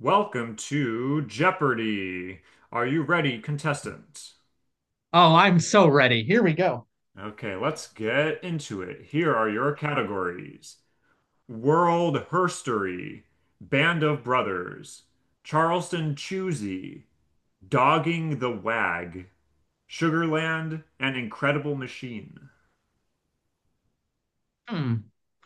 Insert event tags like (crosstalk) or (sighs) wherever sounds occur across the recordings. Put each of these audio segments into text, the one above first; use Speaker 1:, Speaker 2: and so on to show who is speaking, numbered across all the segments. Speaker 1: Welcome to Jeopardy! Are you ready, contestant?
Speaker 2: Oh, I'm so ready. Here we go.
Speaker 1: Okay, let's get into it. Here are your categories: World Herstory, Band of Brothers, Charleston Choosy, Dogging the Wag, Sugarland, and Incredible Machine.
Speaker 2: Hmm.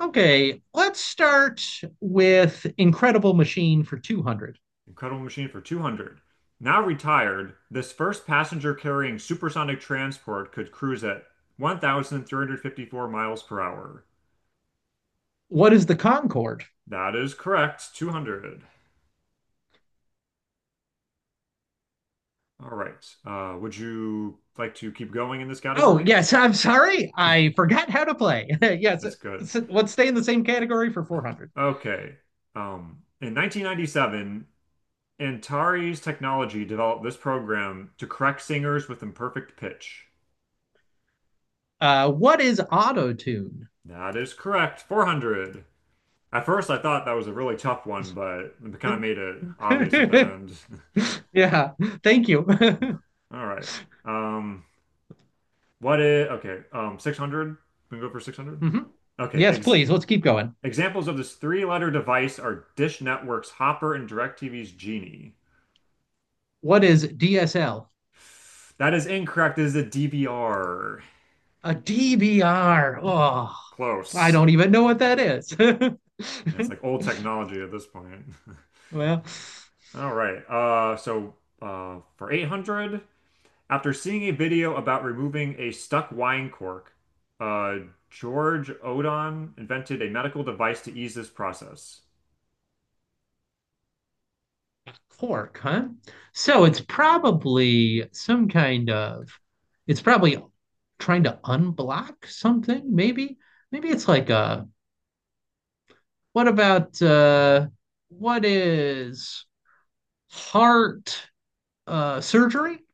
Speaker 2: Okay, let's start with Incredible Machine for 200.
Speaker 1: Incredible Machine for 200. Now retired, this first passenger carrying supersonic transport could cruise at 1,354 miles per hour.
Speaker 2: What is the Concorde?
Speaker 1: That is correct. 200. All right. Would you like to keep going in this
Speaker 2: Oh,
Speaker 1: category?
Speaker 2: yes, I'm sorry. I forgot how to play. (laughs) Yes,
Speaker 1: That's good.
Speaker 2: let's stay in the same category for 400.
Speaker 1: Okay. In 1997, Antares Technology developed this program to correct singers with imperfect pitch.
Speaker 2: What is auto tune?
Speaker 1: That is correct. 400. At first, I thought that was a really tough one, but it kind of made it obvious at the end. (laughs)
Speaker 2: (laughs) Yeah, thank you. (laughs)
Speaker 1: All right. Um, what is, okay, 600? We can go for 600?
Speaker 2: Mhm.
Speaker 1: Okay,
Speaker 2: Yes,
Speaker 1: ex
Speaker 2: please. Let's keep going.
Speaker 1: Examples of this three-letter device are Dish Network's Hopper and DirecTV's Genie.
Speaker 2: What is DSL?
Speaker 1: That is incorrect. It is a DVR.
Speaker 2: a DVR. Oh, I
Speaker 1: Close.
Speaker 2: don't even know what that is.
Speaker 1: Yeah, it's like old technology at this point.
Speaker 2: (laughs) Well,
Speaker 1: (laughs) All right. For 800, after seeing a video about removing a stuck wine cork, uh, George Odon invented a medical device to ease this process.
Speaker 2: cork, huh? So it's probably some kind of, it's probably trying to unblock something, maybe. Maybe it's like a, what about, what is heart, surgery? (laughs)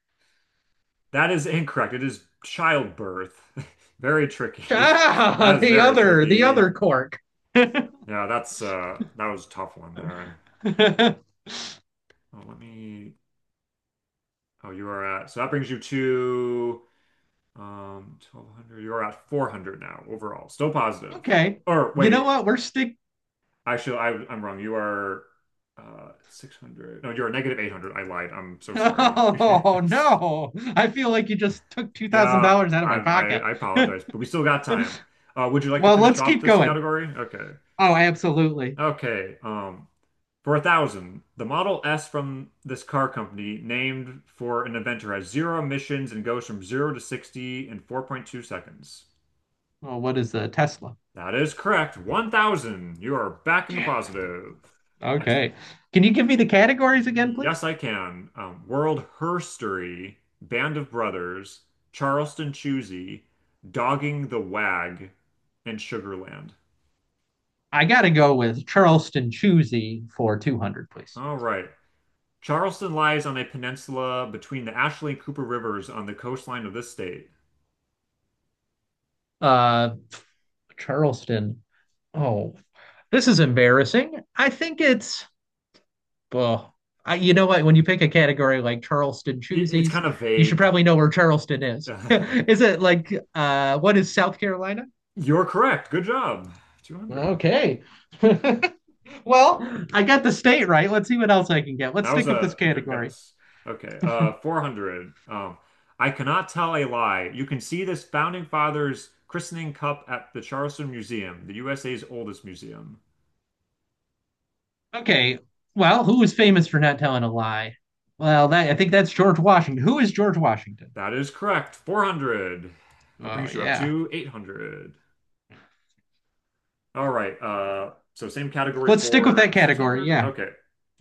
Speaker 1: That is incorrect. It is childbirth. (laughs) Very tricky. (laughs)
Speaker 2: Ah,
Speaker 1: That is
Speaker 2: the
Speaker 1: very
Speaker 2: other, the
Speaker 1: tricky.
Speaker 2: other cork. (laughs)
Speaker 1: Yeah, that's that was a tough one there. Oh, let me oh you are at so that brings you to 1200. You're at 400 now overall. Still positive.
Speaker 2: Okay.
Speaker 1: Or
Speaker 2: You know
Speaker 1: wait,
Speaker 2: what? We're stick.
Speaker 1: actually I'm wrong. You are 600. No, you're 800. I lied. I'm
Speaker 2: (laughs)
Speaker 1: so sorry. (laughs)
Speaker 2: Oh, no. I feel like you just took
Speaker 1: Yeah,
Speaker 2: $2,000 out of
Speaker 1: I,
Speaker 2: my
Speaker 1: I
Speaker 2: pocket.
Speaker 1: I apologize,
Speaker 2: (laughs)
Speaker 1: but we still got time. Would you like to
Speaker 2: Well,
Speaker 1: finish
Speaker 2: let's
Speaker 1: off
Speaker 2: keep
Speaker 1: this
Speaker 2: going.
Speaker 1: category? Okay.
Speaker 2: Oh, absolutely.
Speaker 1: Okay. For a thousand, the Model S from this car company, named for an inventor, has zero emissions and goes from zero to 60 in 4.2 seconds.
Speaker 2: Oh, what is a Tesla?
Speaker 1: That is correct. 1,000. You are back in the
Speaker 2: Yeah.
Speaker 1: positive. Excellent.
Speaker 2: Okay. Can you give me the categories again,
Speaker 1: Yes,
Speaker 2: please?
Speaker 1: I can. World Herstory, Band of Brothers, Charleston Choosy, Dogging the Wag, and Sugarland.
Speaker 2: I got to go with Charleston Choosy for 200, please.
Speaker 1: All right. Charleston lies on a peninsula between the Ashley and Cooper Rivers on the coastline of this state.
Speaker 2: Uh, Charleston. Oh, this is embarrassing. I think it's, well, I, you know what? When you pick a category like Charleston
Speaker 1: It's
Speaker 2: Choosies,
Speaker 1: kind of
Speaker 2: you should
Speaker 1: vague.
Speaker 2: probably know where Charleston is. (laughs)
Speaker 1: (laughs)
Speaker 2: Is it like, what is South Carolina?
Speaker 1: You're correct. Good job. 200.
Speaker 2: Okay. (laughs) Well, I got the state right. Let's see what else I can get. Let's
Speaker 1: That was
Speaker 2: stick with this
Speaker 1: a good
Speaker 2: category.
Speaker 1: guess. Okay, 400. I cannot tell a lie. You can see this founding father's christening cup at the Charleston Museum, the USA's oldest museum.
Speaker 2: Okay. Well, who is famous for not telling a lie? Well, that I think that's George Washington. Who is George Washington?
Speaker 1: That is correct. 400. That
Speaker 2: Oh,
Speaker 1: brings you up
Speaker 2: yeah.
Speaker 1: to 800. All right. Same category
Speaker 2: Let's stick with
Speaker 1: for
Speaker 2: that category.
Speaker 1: 600.
Speaker 2: Yeah.
Speaker 1: Okay.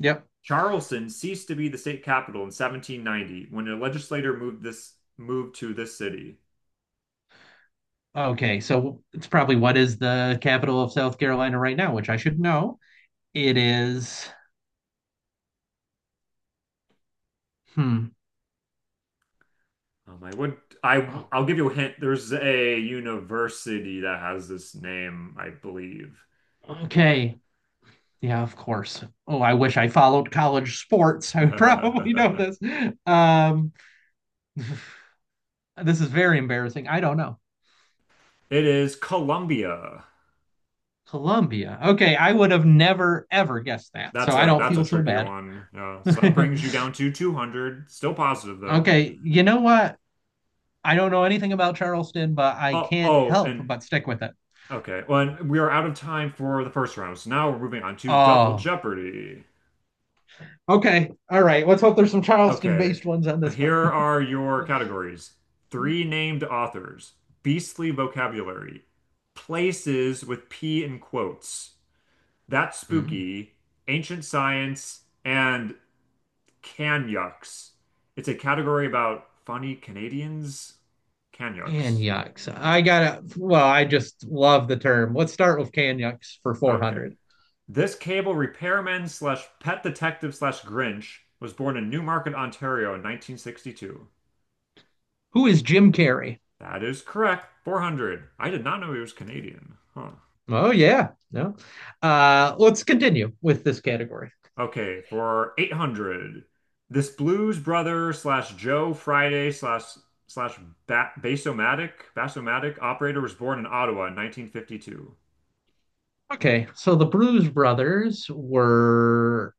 Speaker 2: Yep.
Speaker 1: Charleston ceased to be the state capital in 1790 when a legislator moved to this city.
Speaker 2: Okay. So it's probably what is the capital of South Carolina right now, which I should know. It is. Hmm.
Speaker 1: I would I I'll give you a hint. There's a university that has this name, I believe.
Speaker 2: Okay. Yeah, of course. Oh, I wish I followed college sports. (laughs) I would probably know
Speaker 1: (laughs)
Speaker 2: this. Um, this is very embarrassing. I don't know.
Speaker 1: It is Columbia.
Speaker 2: Colombia. Okay, I would have never ever guessed that.
Speaker 1: That's
Speaker 2: So I
Speaker 1: a
Speaker 2: don't
Speaker 1: that's a
Speaker 2: feel so
Speaker 1: trickier
Speaker 2: bad.
Speaker 1: one. Yeah. So that
Speaker 2: (laughs)
Speaker 1: brings you down to 200. Still positive though.
Speaker 2: Okay, you know what? I don't know anything about Charleston, but I
Speaker 1: Oh
Speaker 2: can't
Speaker 1: oh
Speaker 2: help
Speaker 1: and
Speaker 2: but stick with it.
Speaker 1: okay. Well, and we are out of time for the first round. So now we're moving on to Double
Speaker 2: Oh,
Speaker 1: Jeopardy.
Speaker 2: okay. All right. Let's hope there's some
Speaker 1: Okay,
Speaker 2: Charleston-based ones on this
Speaker 1: here
Speaker 2: one. (laughs)
Speaker 1: are your categories. Three named authors, beastly vocabulary, places with P in quotes, that's
Speaker 2: Mm.
Speaker 1: spooky, ancient science, and canyucks. It's a category about funny Canadians. Canyucks.
Speaker 2: Canyucks. I gotta, well, I just love the term. Let's start with Canyucks for
Speaker 1: Okay.
Speaker 2: 400.
Speaker 1: This cable repairman slash pet detective slash Grinch was born in Newmarket, Ontario in 1962.
Speaker 2: Who is Jim Carrey?
Speaker 1: That is correct. 400. I did not know he was Canadian. Huh.
Speaker 2: Oh, yeah. No. Let's continue with this category.
Speaker 1: Okay, for 800. This blues brother slash Joe Friday slash slash Basomatic operator was born in Ottawa in 1952.
Speaker 2: Okay, so the Blues Brothers were.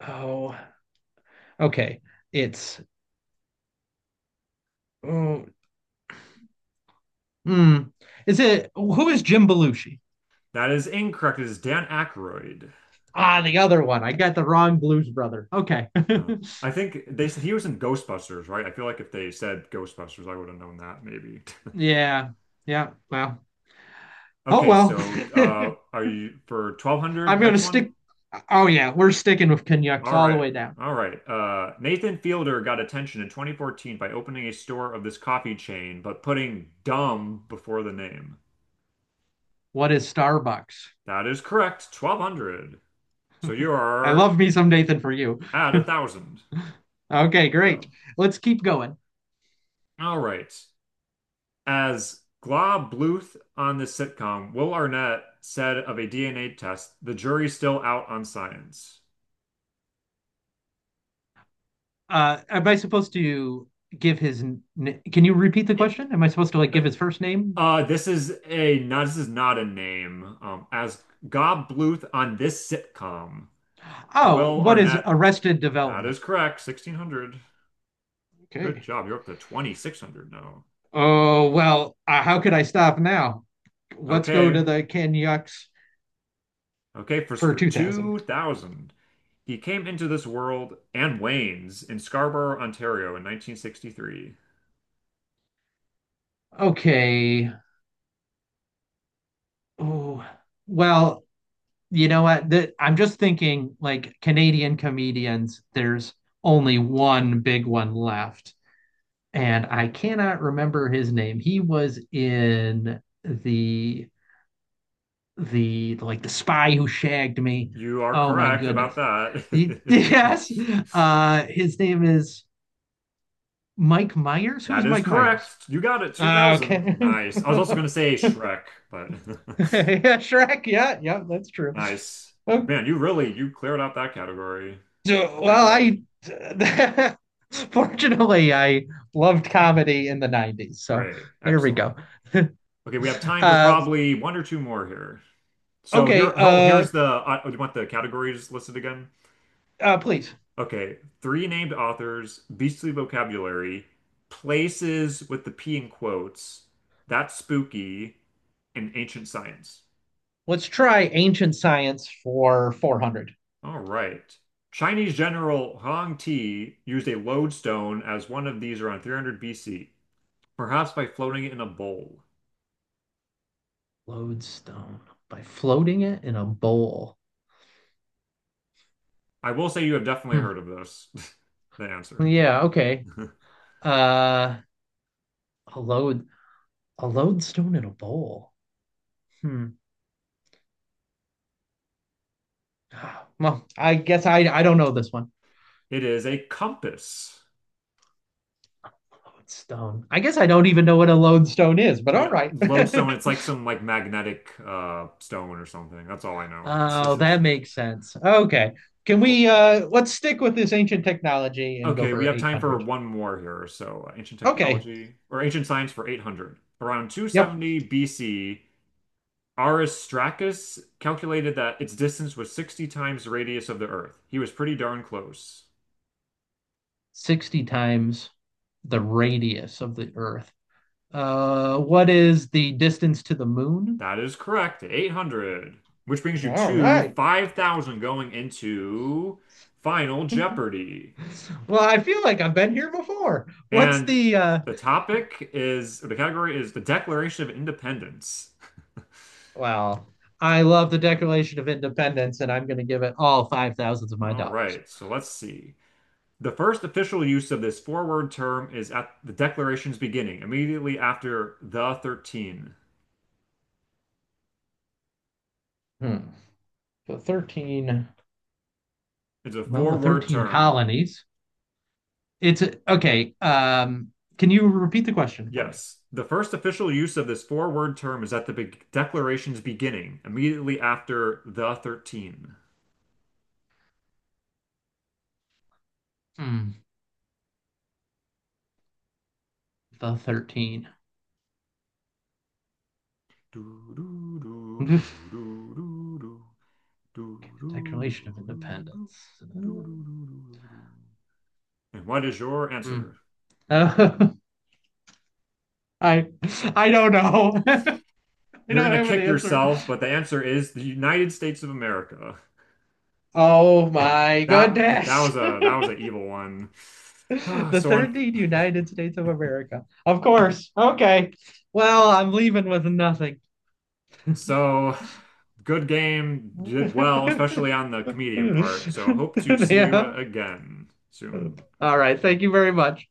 Speaker 2: Oh, okay. It's. Oh. Hmm. Is it who is Jim Belushi?
Speaker 1: That is incorrect. It is Dan Aykroyd.
Speaker 2: Ah, the other one. I got the wrong Blues Brother. Okay. (laughs)
Speaker 1: Oh. I think they he was in Ghostbusters, right? I feel like if they said Ghostbusters, I would have known that maybe. (laughs)
Speaker 2: Yeah. Yeah. Well. Oh,
Speaker 1: Okay,
Speaker 2: well.
Speaker 1: so
Speaker 2: (laughs)
Speaker 1: are you for 1200?
Speaker 2: I'm gonna
Speaker 1: Next one.
Speaker 2: stick. Oh, yeah, we're sticking with Canucks
Speaker 1: All
Speaker 2: all the
Speaker 1: right.
Speaker 2: way down.
Speaker 1: All right. Nathan Fielder got attention in 2014 by opening a store of this coffee chain, but putting dumb before the name.
Speaker 2: What is Starbucks?
Speaker 1: That is correct. 1200. So you
Speaker 2: I
Speaker 1: are
Speaker 2: love me some Nathan for you.
Speaker 1: at a thousand.
Speaker 2: Okay,
Speaker 1: Good
Speaker 2: great.
Speaker 1: job.
Speaker 2: Let's keep going.
Speaker 1: All right. As Glob Bluth on this sitcom, Will Arnett said of a DNA test, the jury's still out on science.
Speaker 2: Am I supposed to give his? Can you repeat the
Speaker 1: It-
Speaker 2: question? Am I supposed to like
Speaker 1: uh,
Speaker 2: give his first name?
Speaker 1: this is a not. This is not a name. As Gob Bluth on this sitcom.
Speaker 2: Oh,
Speaker 1: Will
Speaker 2: what is
Speaker 1: Arnett.
Speaker 2: Arrested
Speaker 1: That
Speaker 2: Development?
Speaker 1: is correct. 1600. Good
Speaker 2: Okay.
Speaker 1: job. You're up to 2600 now.
Speaker 2: Oh, well, how could I stop now? Let's go to
Speaker 1: Okay.
Speaker 2: the Canyucks
Speaker 1: Okay. For,
Speaker 2: for
Speaker 1: for
Speaker 2: 2,000.
Speaker 1: 2000, he came into this world and wanes in Scarborough, Ontario in 1963.
Speaker 2: Okay. Oh, well, you know what? I'm just thinking like Canadian comedians. There's only one big one left, and I cannot remember his name. He was in the, like, the spy who shagged me.
Speaker 1: You are
Speaker 2: Oh my
Speaker 1: correct about
Speaker 2: goodness. (laughs)
Speaker 1: that.
Speaker 2: Yes.
Speaker 1: (laughs)
Speaker 2: His name is Mike Myers. Who
Speaker 1: That
Speaker 2: is
Speaker 1: is
Speaker 2: Mike Myers?
Speaker 1: correct. You got it. 2000.
Speaker 2: Okay.
Speaker 1: Nice. I
Speaker 2: (laughs)
Speaker 1: was also
Speaker 2: Yeah,
Speaker 1: going to say Shrek, but
Speaker 2: Shrek. Yeah, yeah, that's
Speaker 1: (laughs)
Speaker 2: true.
Speaker 1: nice.
Speaker 2: Okay.
Speaker 1: Man, you cleared out that category.
Speaker 2: So,
Speaker 1: Great
Speaker 2: well,
Speaker 1: job.
Speaker 2: I (laughs) fortunately I loved comedy in the 90s. So
Speaker 1: Great.
Speaker 2: there we go.
Speaker 1: Excellent. Okay, we have
Speaker 2: (laughs)
Speaker 1: time for
Speaker 2: uh,
Speaker 1: probably one or two more here. So
Speaker 2: okay,
Speaker 1: here, you want the categories listed again?
Speaker 2: please.
Speaker 1: Okay, three named authors, beastly vocabulary, places with the P in quotes, that's spooky, and ancient science.
Speaker 2: Let's try ancient science for 400.
Speaker 1: All right. Chinese general Huang Ti used a lodestone as one of these around 300 BC, perhaps by floating it in a bowl.
Speaker 2: Lodestone by floating it in a bowl.
Speaker 1: I will say you have definitely
Speaker 2: Hmm.
Speaker 1: heard of this, (laughs) the answer.
Speaker 2: Yeah, okay.
Speaker 1: (laughs)
Speaker 2: Uh, a load a lodestone in a bowl. Hmm. Well, I guess I don't know this one.
Speaker 1: It is a compass.
Speaker 2: Lodestone. I guess I don't even know what a lodestone is, but all
Speaker 1: Yeah,
Speaker 2: right.
Speaker 1: lodestone.
Speaker 2: (laughs)
Speaker 1: It's like some like magnetic stone or something. That's all I know. (laughs)
Speaker 2: Oh, that makes sense. Okay. Can
Speaker 1: Cool.
Speaker 2: we Let's stick with this ancient technology and go
Speaker 1: Okay, we
Speaker 2: for
Speaker 1: have time for
Speaker 2: 800.
Speaker 1: one more here. So, ancient
Speaker 2: Okay.
Speaker 1: technology or ancient science for 800. Around
Speaker 2: Yep.
Speaker 1: 270 BC, Aristarchus calculated that its distance was 60 times the radius of the Earth. He was pretty darn close.
Speaker 2: 60 times the radius of the earth. What is the distance to the moon?
Speaker 1: That is correct. 800, which brings you
Speaker 2: All
Speaker 1: to
Speaker 2: right.
Speaker 1: 5,000 going into Final Jeopardy.
Speaker 2: Well, I feel like I've been here before. What's
Speaker 1: And
Speaker 2: the
Speaker 1: the topic is, or the category is the Declaration of Independence.
Speaker 2: Well, I love the Declaration of Independence and I'm going to give it all 5 thousands of my
Speaker 1: All
Speaker 2: dollars.
Speaker 1: right, so let's see. The first official use of this four-word term is at the Declaration's beginning, immediately after the 13.
Speaker 2: Hmm. The 13.
Speaker 1: It's a
Speaker 2: Well, the
Speaker 1: four-word
Speaker 2: 13
Speaker 1: term.
Speaker 2: colonies. It's okay. Can you repeat the question for me?
Speaker 1: Yes. The first official use of this four-word term is at the be Declaration's beginning, immediately after the 13.
Speaker 2: Hmm, the 13.
Speaker 1: Do, do, do,
Speaker 2: (laughs)
Speaker 1: do, do, do, do. And
Speaker 2: Declaration of Independence.
Speaker 1: what is your answer?
Speaker 2: Hmm. Uh, (laughs) I I don't know. (laughs) I don't
Speaker 1: You're gonna
Speaker 2: have an
Speaker 1: kick
Speaker 2: answer.
Speaker 1: yourself, but the answer is the United States of America.
Speaker 2: Oh my
Speaker 1: That that
Speaker 2: goodness.
Speaker 1: was
Speaker 2: (laughs)
Speaker 1: a that was an evil one. (sighs) Ah,
Speaker 2: The
Speaker 1: So on
Speaker 2: 13 United States of America. Of course. Okay. Well, I'm leaving with nothing.
Speaker 1: so good game, did well, especially on the comedian part. So hope to
Speaker 2: (laughs)
Speaker 1: see you
Speaker 2: Yeah.
Speaker 1: again soon.
Speaker 2: All right. Thank you very much.